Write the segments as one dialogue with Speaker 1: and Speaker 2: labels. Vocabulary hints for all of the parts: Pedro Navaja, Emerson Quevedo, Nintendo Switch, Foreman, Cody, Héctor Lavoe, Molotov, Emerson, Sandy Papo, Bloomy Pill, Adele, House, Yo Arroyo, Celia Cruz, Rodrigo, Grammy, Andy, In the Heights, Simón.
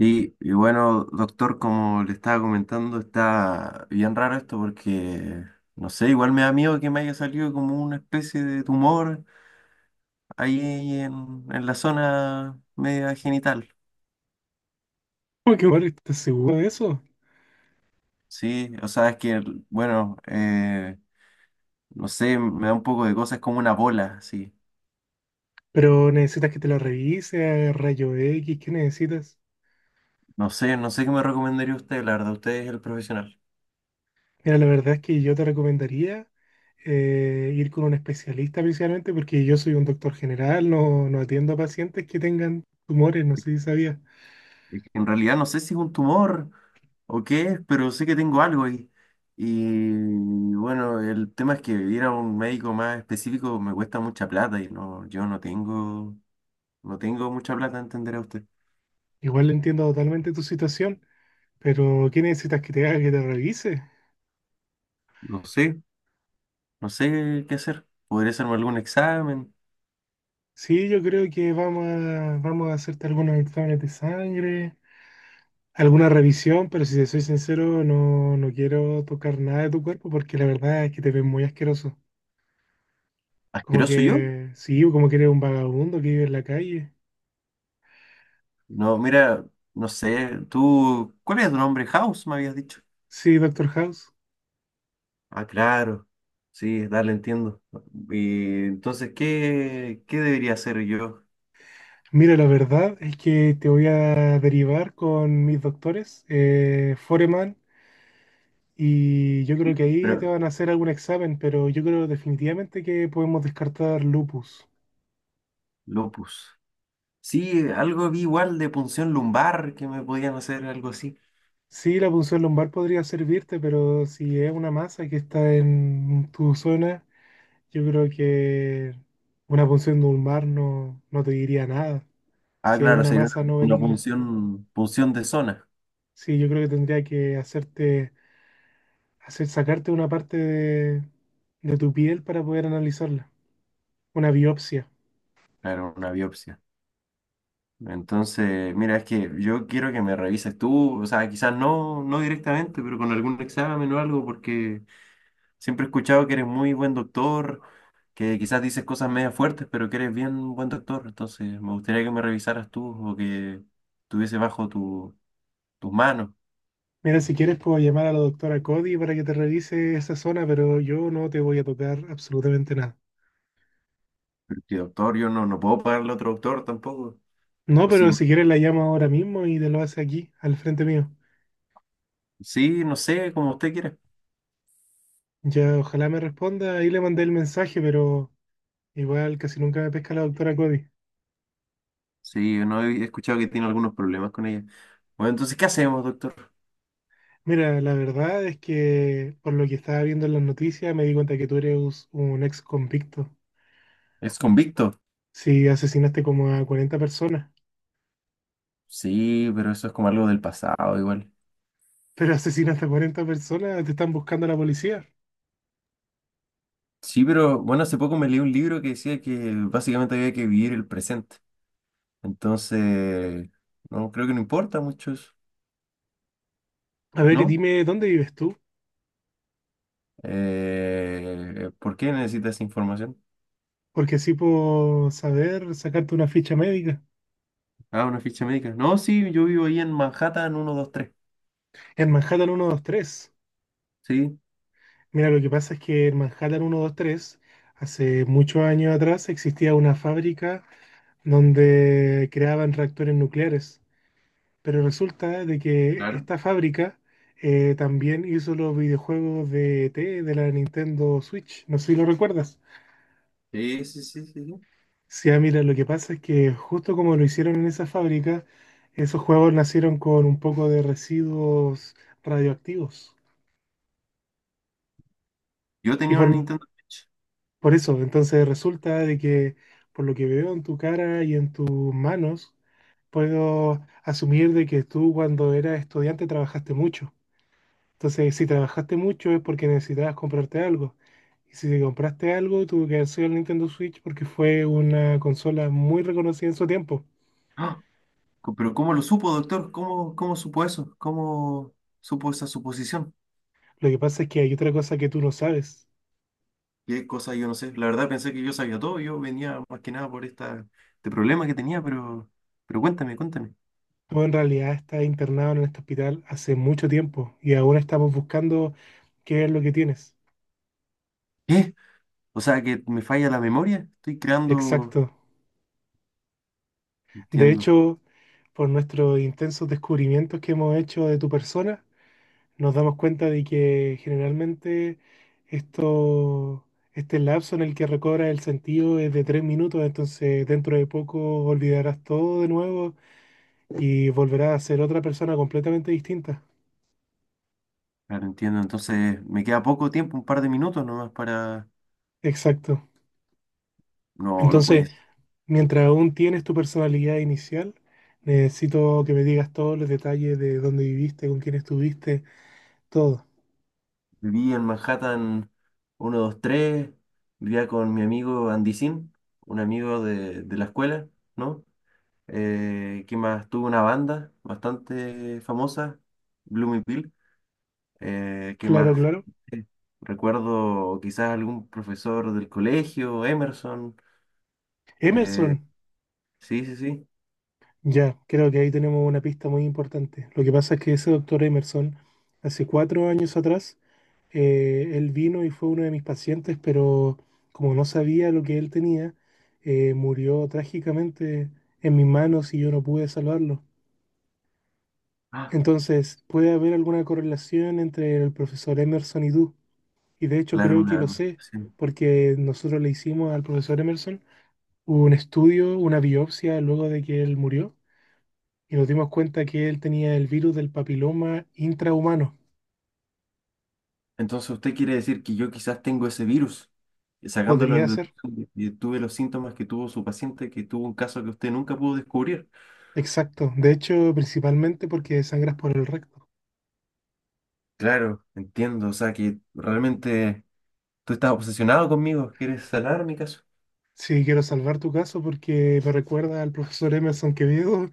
Speaker 1: Y bueno, doctor, como le estaba comentando, está bien raro esto porque, no sé, igual me da miedo que me haya salido como una especie de tumor ahí en la zona media genital.
Speaker 2: Uy, qué mal, ¿estás seguro de eso?
Speaker 1: Sí, o sea, es que, no sé, me da un poco de cosas como una bola, sí.
Speaker 2: Pero necesitas que te la revise, rayo X, ¿qué necesitas?
Speaker 1: No sé qué me recomendaría usted, la verdad, usted es el profesional.
Speaker 2: Mira, la verdad es que yo te recomendaría ir con un especialista principalmente porque yo soy un doctor general, no, no atiendo a pacientes que tengan tumores, no sé si sabías.
Speaker 1: Es que en realidad no sé si es un tumor o qué es, pero sé que tengo algo ahí. Y bueno, el tema es que ir a un médico más específico me cuesta mucha plata y no, yo no tengo, no tengo mucha plata, entenderá usted.
Speaker 2: Igual entiendo totalmente tu situación, pero ¿qué necesitas que te haga que te revise?
Speaker 1: No sé, no sé qué hacer. ¿Podría hacerme algún examen?
Speaker 2: Sí, yo creo que vamos a hacerte algunos exámenes de sangre, alguna revisión, pero si te soy sincero, no, no quiero tocar nada de tu cuerpo porque la verdad es que te ves muy asqueroso. Como
Speaker 1: ¿Asqueroso yo?
Speaker 2: que, sí, como que eres un vagabundo que vive en la calle.
Speaker 1: No, mira, no sé, tú, ¿cuál es tu nombre? House, me habías dicho.
Speaker 2: Sí, Doctor House.
Speaker 1: Ah, claro. Sí, dale, entiendo. Y entonces, ¿qué debería hacer yo?
Speaker 2: Mira, la verdad es que te voy a derivar con mis doctores, Foreman, y yo creo que ahí te
Speaker 1: Pero
Speaker 2: van a hacer algún examen, pero yo creo definitivamente que podemos descartar lupus.
Speaker 1: lupus. Sí, algo vi igual de punción lumbar que me podían hacer algo así.
Speaker 2: Sí, la punción lumbar podría servirte, pero si es una masa que está en tu zona, yo creo que una punción de un mar no, no te diría nada.
Speaker 1: Ah,
Speaker 2: Si es
Speaker 1: claro,
Speaker 2: una
Speaker 1: sería
Speaker 2: masa
Speaker 1: una,
Speaker 2: no
Speaker 1: una
Speaker 2: benigna.
Speaker 1: punción, punción de zona.
Speaker 2: Sí, yo creo que tendría que sacarte una parte de tu piel para poder analizarla. Una biopsia.
Speaker 1: Claro, una biopsia. Entonces, mira, es que yo quiero que me revises tú, o sea, quizás no directamente, pero con algún examen o algo, porque siempre he escuchado que eres muy buen doctor, que quizás dices cosas media fuertes, pero que eres bien buen doctor. Entonces, me gustaría que me revisaras tú o que tuviese tus manos.
Speaker 2: Mira, si quieres puedo llamar a la doctora Cody para que te revise esa zona, pero yo no te voy a tocar absolutamente nada.
Speaker 1: Porque doctor, yo no puedo pagarle a otro doctor tampoco.
Speaker 2: No,
Speaker 1: O sí,
Speaker 2: pero si quieres la llamo ahora mismo y te lo hace aquí, al frente mío.
Speaker 1: sí, no sé, como usted quiera.
Speaker 2: Ya, ojalá me responda. Ahí le mandé el mensaje, pero igual casi nunca me pesca la doctora Cody.
Speaker 1: Sí, no he escuchado que tiene algunos problemas con ella. Bueno, entonces, ¿qué hacemos, doctor?
Speaker 2: Mira, la verdad es que por lo que estaba viendo en las noticias me di cuenta que tú eres un ex convicto.
Speaker 1: ¿Es convicto?
Speaker 2: Si asesinaste como a 40 personas,
Speaker 1: Sí, pero eso es como algo del pasado igual.
Speaker 2: pero asesinaste a 40 personas, te están buscando la policía.
Speaker 1: Sí, pero bueno, hace poco me leí un libro que decía que básicamente había que vivir el presente. Entonces, no, creo que no importa mucho eso,
Speaker 2: A ver, y
Speaker 1: ¿no?
Speaker 2: dime dónde vives tú,
Speaker 1: ¿por qué necesita esa información?
Speaker 2: porque así puedo saber sacarte una ficha médica.
Speaker 1: Ah, una ficha médica. No, sí, yo vivo ahí en Manhattan 123.
Speaker 2: En Manhattan 123.
Speaker 1: Sí.
Speaker 2: Mira, lo que pasa es que en Manhattan 123 hace muchos años atrás, existía una fábrica donde creaban reactores nucleares. Pero resulta de que
Speaker 1: Claro.
Speaker 2: esta fábrica también hizo los videojuegos de ET de la Nintendo Switch. No sé si lo recuerdas.
Speaker 1: Sí, sí, sí, sí, sí.
Speaker 2: Sí, ah, mira, lo que pasa es que justo como lo hicieron en esa fábrica, esos juegos nacieron con un poco de residuos radioactivos.
Speaker 1: Yo
Speaker 2: Y
Speaker 1: tenía una
Speaker 2: por,
Speaker 1: Nintendo Switch.
Speaker 2: por eso, entonces resulta de que por lo que veo en tu cara y en tus manos, puedo asumir de que tú cuando eras estudiante trabajaste mucho. Entonces, si trabajaste mucho es porque necesitabas comprarte algo. Y si te compraste algo, tuvo que haber sido el Nintendo Switch porque fue una consola muy reconocida en su tiempo.
Speaker 1: ¡Ah! Pero ¿cómo lo supo, doctor? ¿Cómo supo eso? ¿Cómo supo esa suposición?
Speaker 2: Lo que pasa es que hay otra cosa que tú no sabes.
Speaker 1: Qué cosa, yo no sé. La verdad pensé que yo sabía todo. Yo venía más que nada por este problema que tenía, pero cuéntame.
Speaker 2: Tú en realidad estás internado en este hospital hace mucho tiempo y ahora estamos buscando qué es lo que tienes.
Speaker 1: ¿Qué? O sea, que me falla la memoria. Estoy creando…
Speaker 2: Exacto. De
Speaker 1: Entiendo,
Speaker 2: hecho, por nuestros intensos descubrimientos que hemos hecho de tu persona, nos damos cuenta de que generalmente esto, este lapso en el que recobras el sentido es de 3 minutos, entonces dentro de poco olvidarás todo de nuevo y volverás a ser otra persona completamente distinta.
Speaker 1: claro, entiendo. Entonces, me queda poco tiempo, un par de minutos nomás para…
Speaker 2: Exacto.
Speaker 1: No, no
Speaker 2: Entonces,
Speaker 1: puede ser.
Speaker 2: mientras aún tienes tu personalidad inicial, necesito que me digas todos los detalles de dónde viviste, con quién estuviste, todo.
Speaker 1: Viví en Manhattan 123, vivía con mi amigo Andy, un amigo de la escuela, ¿no? ¿Qué más? Tuve una banda bastante famosa, Bloomy Pill. ¿Qué
Speaker 2: Claro,
Speaker 1: más?
Speaker 2: claro.
Speaker 1: Eh, Recuerdo quizás algún profesor del colegio, Emerson. eh,
Speaker 2: Emerson.
Speaker 1: sí, sí, sí.
Speaker 2: Ya, creo que ahí tenemos una pista muy importante. Lo que pasa es que ese doctor Emerson, hace 4 años atrás, él vino y fue uno de mis pacientes, pero como no sabía lo que él tenía, murió trágicamente en mis manos y yo no pude salvarlo.
Speaker 1: Ah,
Speaker 2: Entonces, puede haber alguna correlación entre el profesor Emerson y tú. Y de hecho
Speaker 1: claro,
Speaker 2: creo que lo sé,
Speaker 1: sí.
Speaker 2: porque nosotros le hicimos al profesor Emerson un estudio, una biopsia luego de que él murió, y nos dimos cuenta que él tenía el virus del papiloma intrahumano.
Speaker 1: Entonces usted quiere decir que yo quizás tengo ese virus, sacándolo en
Speaker 2: Podría ser.
Speaker 1: deducción, y tuve los síntomas que tuvo su paciente, que tuvo un caso que usted nunca pudo descubrir.
Speaker 2: Exacto. De hecho, principalmente porque sangras por el recto.
Speaker 1: Claro, entiendo, o sea que realmente tú estás obsesionado conmigo, quieres sanar mi caso.
Speaker 2: Sí, quiero salvar tu caso porque me recuerda al profesor Emerson Quevedo,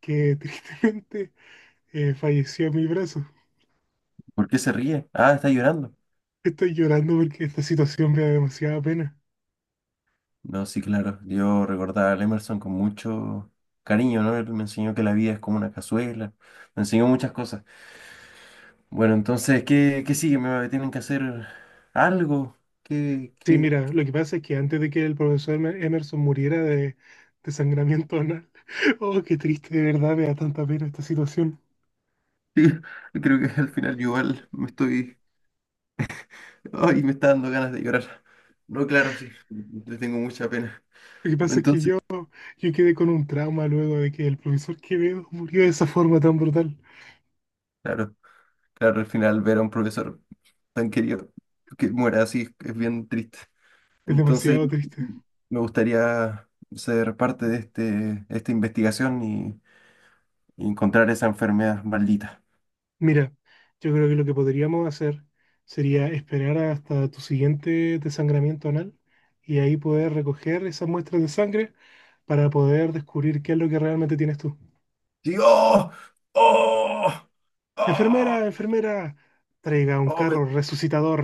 Speaker 2: que tristemente falleció en mi brazo.
Speaker 1: ¿Por qué se ríe? Ah, está llorando.
Speaker 2: Estoy llorando porque esta situación me da demasiada pena.
Speaker 1: No, sí, claro, yo recordaba a Emerson con mucho cariño, ¿no? Él me enseñó que la vida es como una cazuela, me enseñó muchas cosas. Bueno, entonces, ¿qué, qué sigue? ¿Me tienen que hacer algo? ¿Qué,
Speaker 2: Sí,
Speaker 1: qué,
Speaker 2: mira, lo que pasa es que antes de que el profesor Emerson muriera de desangramiento anal, oh, qué triste, de verdad, me da tanta pena esta situación.
Speaker 1: sí, creo que al final yo igual me estoy… Ay, me está dando ganas de llorar. No, claro, sí, le tengo mucha pena.
Speaker 2: Lo que pasa es que
Speaker 1: Entonces,
Speaker 2: yo quedé con un trauma luego de que el profesor Quevedo murió de esa forma tan brutal.
Speaker 1: claro, claro, al final ver a un profesor tan querido que muera así es bien triste.
Speaker 2: Es
Speaker 1: Entonces,
Speaker 2: demasiado triste.
Speaker 1: me gustaría ser parte de esta investigación y encontrar esa enfermedad maldita.
Speaker 2: Mira, yo creo que lo que podríamos hacer sería esperar hasta tu siguiente desangramiento anal y ahí poder recoger esas muestras de sangre para poder descubrir qué es lo que realmente tienes tú.
Speaker 1: Sí, ¡oh! ¡Oh! ¡Oh!
Speaker 2: Enfermera, enfermera, traiga un
Speaker 1: ¡Oh, me,
Speaker 2: carro resucitador.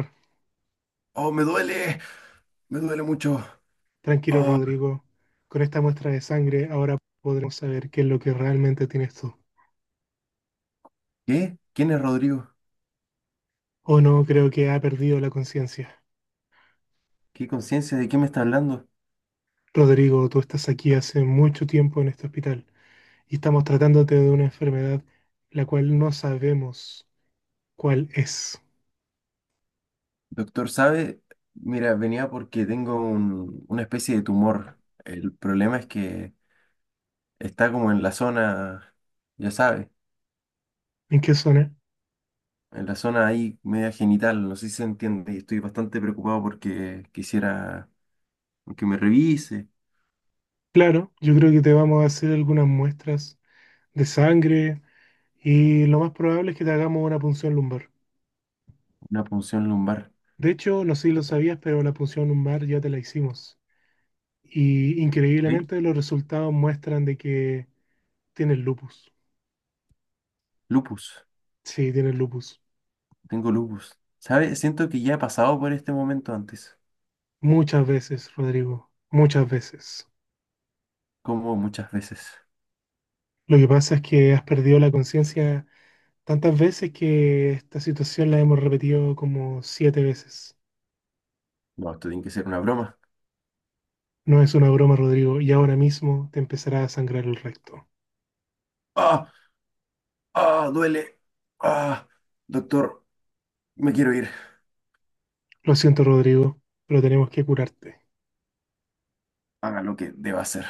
Speaker 1: ¡oh, me duele! Me duele mucho.
Speaker 2: Tranquilo,
Speaker 1: Oh,
Speaker 2: Rodrigo. Con esta muestra de sangre ahora podremos saber qué es lo que realmente tienes tú.
Speaker 1: ¿qué? ¿Quién es Rodrigo?
Speaker 2: O no, creo que ha perdido la conciencia.
Speaker 1: ¿Qué conciencia? ¿De qué me está hablando?
Speaker 2: Rodrigo, tú estás aquí hace mucho tiempo en este hospital y estamos tratándote de una enfermedad la cual no sabemos cuál es.
Speaker 1: Doctor, ¿sabe? Mira, venía porque tengo una especie de tumor. El problema es que está como en la zona, ya sabe,
Speaker 2: ¿En qué zona?
Speaker 1: en la zona ahí media genital, no sé si se entiende, y estoy bastante preocupado porque quisiera que me revise.
Speaker 2: Claro, yo creo que te vamos a hacer algunas muestras de sangre y lo más probable es que te hagamos una punción lumbar.
Speaker 1: Una punción lumbar.
Speaker 2: De hecho, no sé si lo sabías, pero la punción lumbar ya te la hicimos. Y
Speaker 1: ¿Eh?
Speaker 2: increíblemente los resultados muestran de que tienes lupus.
Speaker 1: Lupus,
Speaker 2: Sí, tienes lupus.
Speaker 1: tengo lupus. ¿Sabe? Siento que ya he pasado por este momento antes,
Speaker 2: Muchas veces, Rodrigo. Muchas veces.
Speaker 1: como muchas veces.
Speaker 2: Lo que pasa es que has perdido la conciencia tantas veces que esta situación la hemos repetido como 7 veces.
Speaker 1: No, esto tiene que ser una broma.
Speaker 2: No es una broma, Rodrigo, y ahora mismo te empezará a sangrar el recto.
Speaker 1: ¡Ah! Ah, duele. Ah, doctor, me quiero ir.
Speaker 2: Lo siento, Rodrigo, pero tenemos que curarte.
Speaker 1: Haga lo que deba hacer.